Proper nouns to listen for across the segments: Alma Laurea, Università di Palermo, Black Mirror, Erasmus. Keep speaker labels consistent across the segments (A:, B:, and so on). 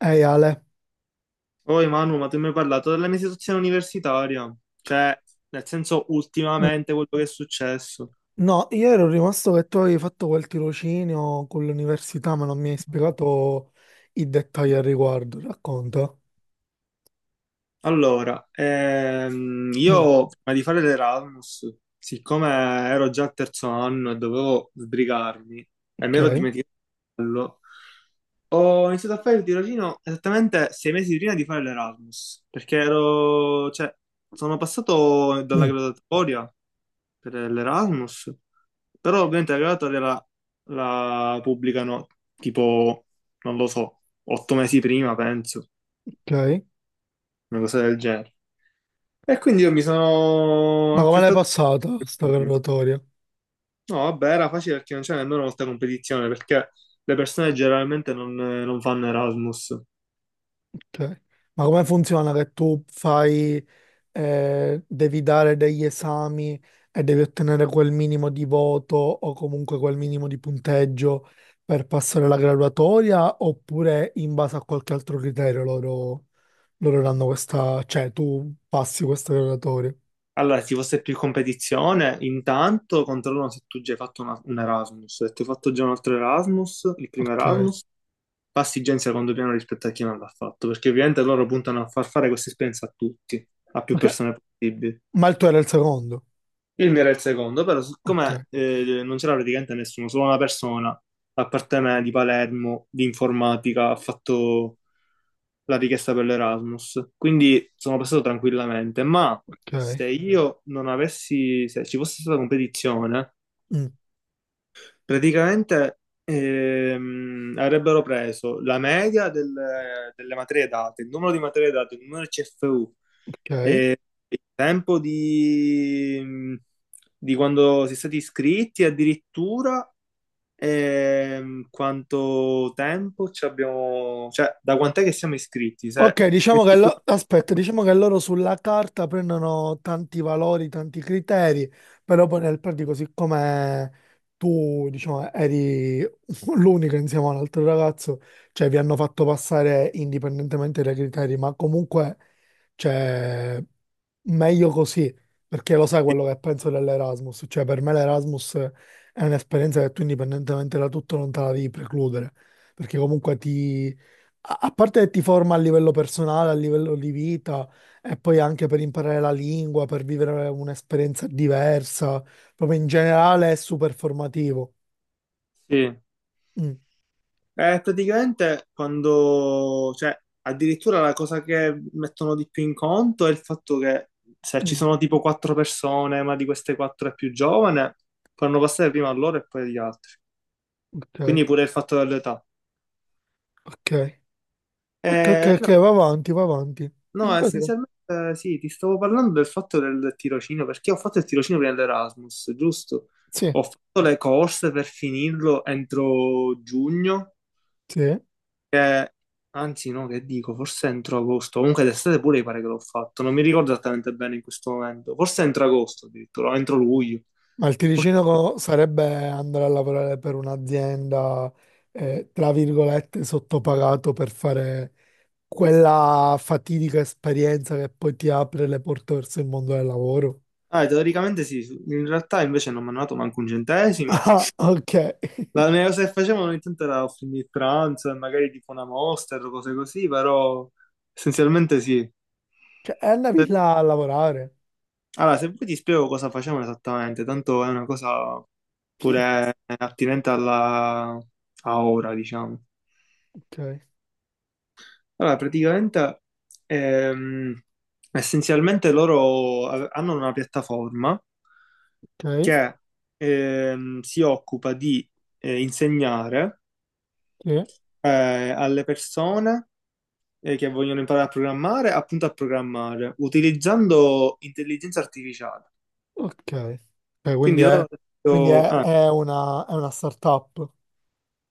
A: Ehi Ale.
B: Poi Manu, ma tu mi hai parlato della mia situazione universitaria, cioè nel senso
A: Mm.
B: ultimamente quello che è successo.
A: No, io ero rimasto che tu avevi fatto quel tirocinio con l'università, ma non mi hai spiegato i dettagli al riguardo. Racconta.
B: Allora,
A: Mm,
B: io prima di fare l'Erasmus, siccome ero già al terzo anno e dovevo sbrigarmi e mi ero
A: ok.
B: dimenticato di farlo, ho iniziato a fare il tirocinio esattamente 6 mesi prima di fare l'Erasmus, perché ero, cioè, sono passato dalla
A: Mm,
B: graduatoria per l'Erasmus, però ovviamente la graduatoria la pubblicano tipo, non lo so, 8 mesi prima, penso,
A: ok.
B: una cosa del genere. E quindi io mi sono
A: Ma come l'hai
B: affrettato.
A: passata sta graduatoria?
B: No, vabbè, era facile perché non c'era nemmeno molta competizione, perché le persone generalmente non fanno Erasmus.
A: Ok. Ma come funziona che tu fai devi dare degli esami e devi ottenere quel minimo di voto o comunque quel minimo di punteggio per passare la graduatoria, oppure in base a qualche altro criterio loro, loro danno questa, cioè tu passi questa graduatoria.
B: Allora, se ci fosse più competizione, intanto controllano se tu già hai fatto un Erasmus. Se tu hai fatto già un altro Erasmus, il primo
A: Ok.
B: Erasmus, Pastigenza quando piano rispetto a chi non l'ha fatto, perché ovviamente loro puntano a far fare questa esperienza a tutti, a più
A: Ok.
B: persone possibili.
A: Ma il tuo era il secondo.
B: Il mio era il secondo, però
A: Ok,
B: siccome non c'era praticamente nessuno, solo una persona, a parte me, di Palermo, di informatica, ha fatto la richiesta per l'Erasmus, quindi sono passato tranquillamente, ma
A: ok.
B: se io non avessi, se ci fosse stata competizione,
A: Mm,
B: praticamente avrebbero preso la media delle materie date, il numero di materie date, il numero di CFU,
A: ok.
B: il tempo di quando si è stati iscritti, addirittura quanto tempo ci abbiamo, cioè da quant'è che siamo iscritti? Se-
A: Ok, diciamo che, aspetta, diciamo che loro sulla carta prendono tanti valori, tanti criteri, però poi nel pratico, siccome tu, diciamo, eri l'unico insieme all'altro ragazzo, cioè vi hanno fatto passare indipendentemente dai criteri, ma comunque, cioè, meglio così, perché lo sai quello che penso dell'Erasmus, cioè per me l'Erasmus è un'esperienza che tu indipendentemente da tutto non te la devi precludere, perché comunque ti a parte che ti forma a livello personale, a livello di vita e poi anche per imparare la lingua, per vivere un'esperienza diversa, proprio in generale è super formativo.
B: Sì.
A: Mm,
B: Praticamente quando, cioè, addirittura la cosa che mettono di più in conto è il fatto che se ci
A: mm,
B: sono tipo quattro persone, ma di queste quattro è più giovane, fanno passare prima a loro e poi agli altri.
A: ok,
B: Quindi pure il fatto dell'età.
A: ok, ok, ok, ok,
B: No,
A: va avanti, va avanti.
B: no,
A: In pratica,
B: essenzialmente sì, ti stavo parlando del fatto del tirocinio, perché ho fatto il tirocinio prima dell'Erasmus, giusto?
A: sì,
B: Ho fatto le corse per finirlo entro giugno.
A: sì.
B: Che- Anzi, no, che dico, forse entro agosto. Comunque d'estate pure mi pare che l'ho fatto. Non mi ricordo esattamente bene in questo momento. Forse entro agosto addirittura, o entro luglio.
A: Ma il tirocinio sarebbe andare a lavorare per un'azienda, tra virgolette, sottopagato per fare quella fatidica esperienza che poi ti apre le porte verso il mondo del lavoro.
B: Ah, teoricamente sì, in realtà invece non mi hanno dato manco un centesimo.
A: Ah, ok.
B: La mia cosa che facevano ogni tanto era offrirmi il pranzo e magari tipo una Monster o cose così, però essenzialmente sì.
A: Cioè, è una
B: Se-
A: villa a lavorare.
B: Allora, se poi ti spiego cosa facevano esattamente, tanto è una cosa
A: Sì,
B: pure attinente alla... a ora, diciamo.
A: ok,
B: Allora, praticamente, ehm, essenzialmente loro hanno una piattaforma
A: ok,
B: che si occupa di insegnare
A: sì,
B: eh, alle persone che vogliono imparare a programmare, appunto a programmare, utilizzando intelligenza artificiale.
A: ok. Ok,
B: Quindi loro hanno
A: quindi
B: detto, ah,
A: è una startup,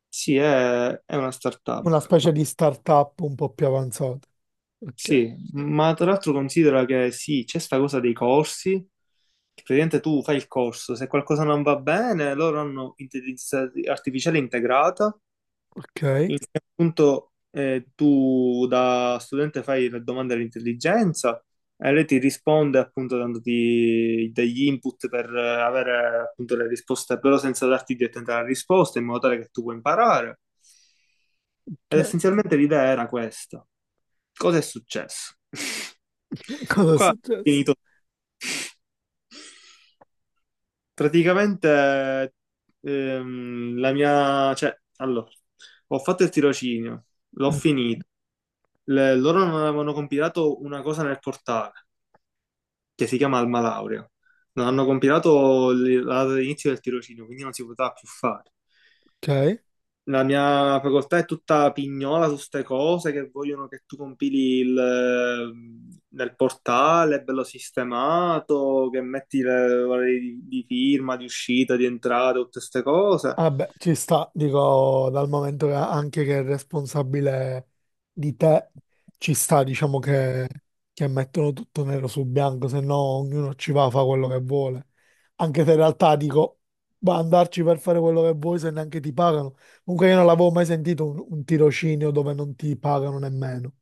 B: sì, è una
A: una
B: startup,
A: specie di startup un po' più avanzata. Ok,
B: sì, ma tra l'altro considera che sì, c'è sta cosa dei corsi, praticamente tu fai il corso, se qualcosa non va bene, loro hanno intelligenza artificiale integrata,
A: ok,
B: in cui appunto tu da studente fai le domande all'intelligenza e lei ti risponde appunto dandoti degli input per avere appunto le risposte, però senza darti direttamente la risposta, in modo tale che tu puoi imparare. Ed
A: ok.
B: essenzialmente l'idea era questa. Cosa è successo?
A: Cosa è
B: Qua è
A: successo?
B: finito. Praticamente la mia, cioè, allora, ho fatto il tirocinio, l'ho finito. Loro non avevano compilato una cosa nel portale che si chiama Alma Laurea. Non hanno compilato la data di inizio del tirocinio, quindi non si poteva più fare.
A: Ok.
B: La mia facoltà è tutta pignola su ste cose che vogliono che tu compili il, nel portale, bello sistemato, che metti le varie di firma, di uscita, di entrata, tutte ste cose.
A: Vabbè, ci sta, dico, dal momento che anche che è responsabile di te, ci sta, diciamo che mettono tutto nero su bianco, se no ognuno ci va, fa quello che vuole. Anche se in realtà dico, ma andarci per fare quello che vuoi se neanche ti pagano. Comunque io non l'avevo mai sentito un tirocinio dove non ti pagano nemmeno.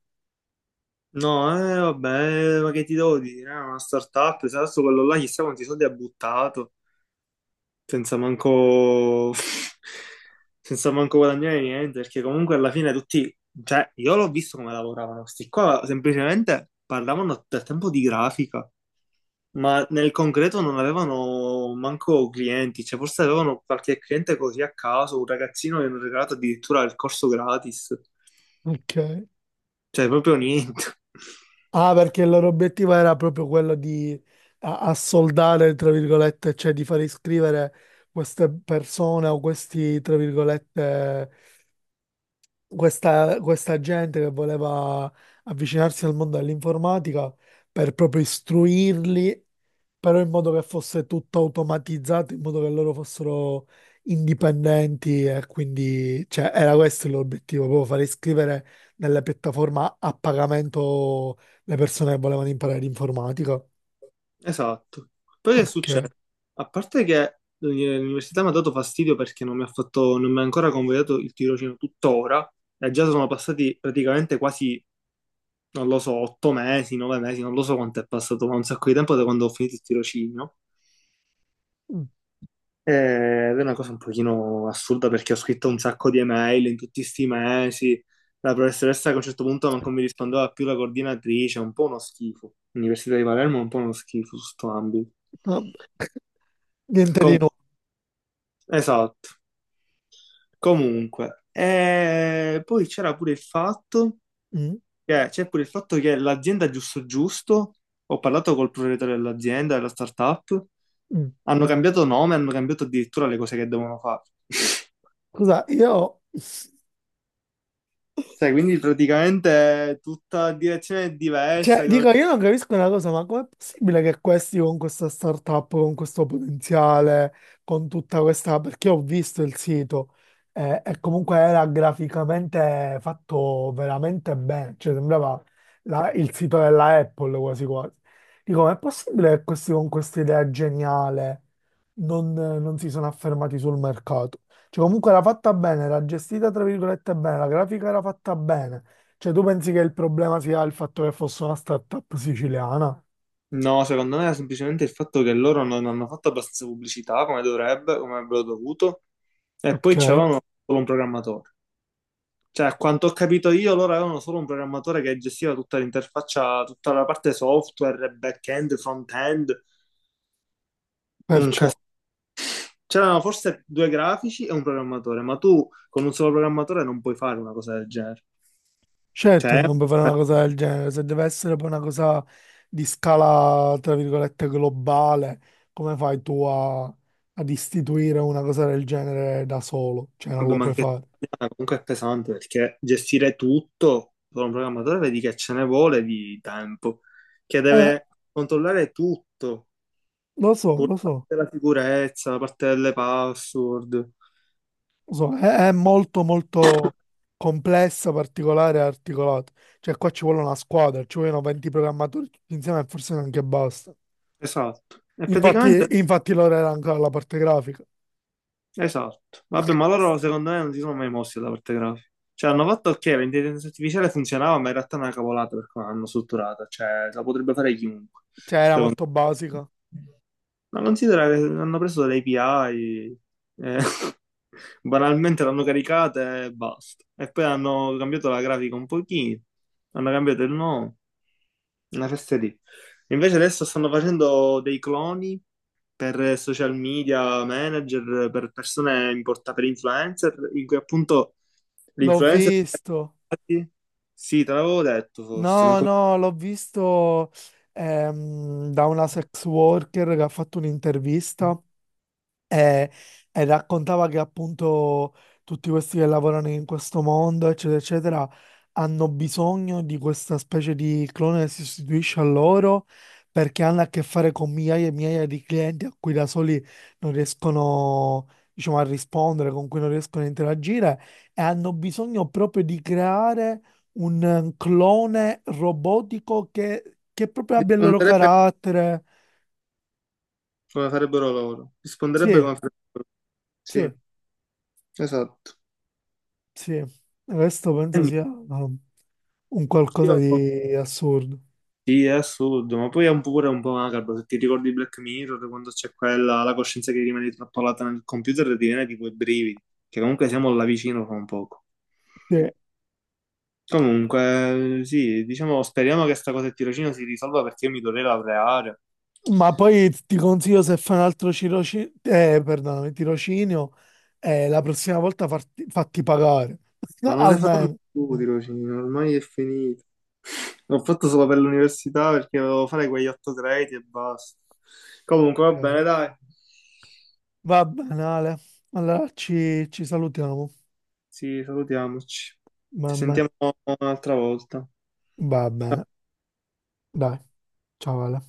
B: No, vabbè, ma che ti devo dire? È una startup, se adesso quello là chissà quanti soldi ha buttato. Senza manco, senza manco guadagnare niente, perché comunque alla fine tutti, cioè io l'ho visto come lavoravano, questi qua semplicemente parlavano del tempo di grafica, ma nel concreto non avevano manco clienti, cioè forse avevano qualche cliente così a caso, un ragazzino che hanno regalato addirittura il corso gratis,
A: Ok.
B: cioè proprio niente.
A: Ah, perché il loro obiettivo era proprio quello di assoldare, tra virgolette, cioè di far iscrivere queste persone o questi, tra virgolette, questa gente che voleva avvicinarsi al mondo dell'informatica per proprio istruirli però in modo che fosse tutto automatizzato, in modo che loro fossero indipendenti e quindi, cioè, era questo l'obiettivo, proprio fare iscrivere nella piattaforma a pagamento le persone che volevano imparare l'informatica.
B: Esatto. Poi che succede?
A: Ok.
B: A parte che l'università mi ha dato fastidio perché non mi ha fatto, non mi ha ancora convogliato il tirocinio tuttora, e già sono passati praticamente quasi, non lo so, 8 mesi, 9 mesi, non lo so quanto è passato, ma un sacco di tempo da quando ho finito il tirocinio.
A: Mm.
B: Ed è una cosa un pochino assurda perché ho scritto un sacco di email in tutti questi mesi. La professoressa che a un certo punto non mi rispondeva più la coordinatrice, è un po' uno schifo. L'Università di Palermo è un po' uno schifo su sto ambito.
A: Vabbè, niente di
B: Com-
A: nuovo.
B: esatto. Comunque, poi c'era pure il fatto
A: Mm,
B: che, c'è pure il fatto che l'azienda giusto giusto, ho parlato col proprietario dell'azienda, della startup,
A: mm.
B: hanno cambiato nome, hanno cambiato addirittura le cose che devono fare.
A: Scusa, io.
B: Cioè, quindi praticamente è tutta direzione
A: Cioè,
B: diversa. Che non-
A: dico, io non capisco una cosa, ma com'è possibile che questi con questa startup, con questo potenziale, con tutta questa... Perché ho visto il sito e comunque era graficamente fatto veramente bene, cioè sembrava il sito della Apple quasi quasi. Dico, ma è possibile che questi con questa idea geniale non, non si sono affermati sul mercato? Cioè, comunque era fatta bene, era gestita tra virgolette bene, la grafica era fatta bene. Cioè, tu pensi che il problema sia il fatto che fosse una startup siciliana?
B: No, secondo me è semplicemente il fatto che loro non hanno fatto abbastanza pubblicità come dovrebbe, come avrebbero dovuto, e poi
A: Ok,
B: c'avevano solo un programmatore. Cioè, a quanto ho capito io, loro avevano solo un programmatore che gestiva tutta l'interfaccia, tutta la parte software, back-end, front-end, un
A: perciò
B: cas- c'erano forse due grafici e un programmatore, ma tu con un solo programmatore non puoi fare una cosa del genere.
A: certo che
B: Cioè,
A: non puoi fare una cosa del genere, se deve essere poi una cosa di scala, tra virgolette, globale, come fai tu ad istituire una cosa del genere da solo? Cioè, non
B: vabbè,
A: lo
B: ma
A: puoi
B: anche
A: fare.
B: comunque è pesante perché gestire tutto con un programmatore vedi che ce ne vuole di tempo, che
A: Eh,
B: deve controllare tutto,
A: lo so,
B: pure
A: lo
B: la
A: so,
B: parte della sicurezza, la parte delle password.
A: lo so, è molto molto complessa, particolare e articolata. Cioè, qua ci vuole una squadra, ci vogliono 20 programmatori tutti insieme e forse neanche basta.
B: Esatto. E
A: Infatti,
B: praticamente
A: infatti l'ora era ancora la parte grafica,
B: esatto. Vabbè, ma loro secondo me non si sono mai mossi dalla parte grafica. Cioè, hanno fatto ok, l'intelligenza artificiale funzionava, ma in realtà è una cavolata per come l'hanno strutturata. Cioè, la potrebbe fare chiunque.
A: cioè era
B: Secondo
A: molto basica.
B: me. Ma considera che hanno preso delle API, eh, banalmente l'hanno caricata e basta. E poi hanno cambiato la grafica un pochino, hanno cambiato il nome, una festa lì. Invece adesso stanno facendo dei cloni per social media manager, per persone importanti, per influencer, in cui appunto
A: L'ho
B: l'influencer...
A: visto,
B: Sì, te l'avevo detto forse, ma
A: no,
B: come...
A: no, l'ho visto da una sex worker che ha fatto un'intervista. E, e raccontava che appunto tutti questi che lavorano in questo mondo, eccetera, eccetera, hanno bisogno di questa specie di clone che si sostituisce a loro perché hanno a che fare con migliaia e migliaia di clienti a cui da soli non riescono, diciamo, a rispondere, con cui non riescono a interagire e hanno bisogno proprio di creare un clone robotico che proprio abbia il loro
B: risponderebbe
A: carattere.
B: come farebbero loro. Risponderebbe
A: Sì,
B: come farebbero loro. Sì,
A: sì.
B: esatto.
A: Sì, il resto
B: E
A: penso sia
B: niente,
A: um, un qualcosa
B: io-
A: di assurdo.
B: Sì, è assurdo, ma poi è un po' pure un po' macabro, se ti ricordi Black Mirror, quando c'è quella, la coscienza che rimane trappolata nel computer, ti viene tipo i brividi, che comunque siamo là vicino fra un poco.
A: Sì.
B: Comunque, sì, diciamo, speriamo che sta cosa del tirocinio si risolva perché io mi dovrei laureare.
A: Ma poi ti consiglio se fai un altro tirocinio, perdonami, tirocinio, la prossima volta fatti pagare,
B: Ma non le faranno
A: almeno.
B: più tirocinio, ormai è finito. L'ho fatto solo per l'università perché dovevo fare quegli 8 crediti e basta. Comunque, va
A: Ok.
B: bene, dai.
A: Va bene, Ale. Allora ci, ci salutiamo.
B: Sì, salutiamoci.
A: Va
B: Ci
A: bene,
B: sentiamo un'altra volta.
A: va bene. Dai, ciao Ale.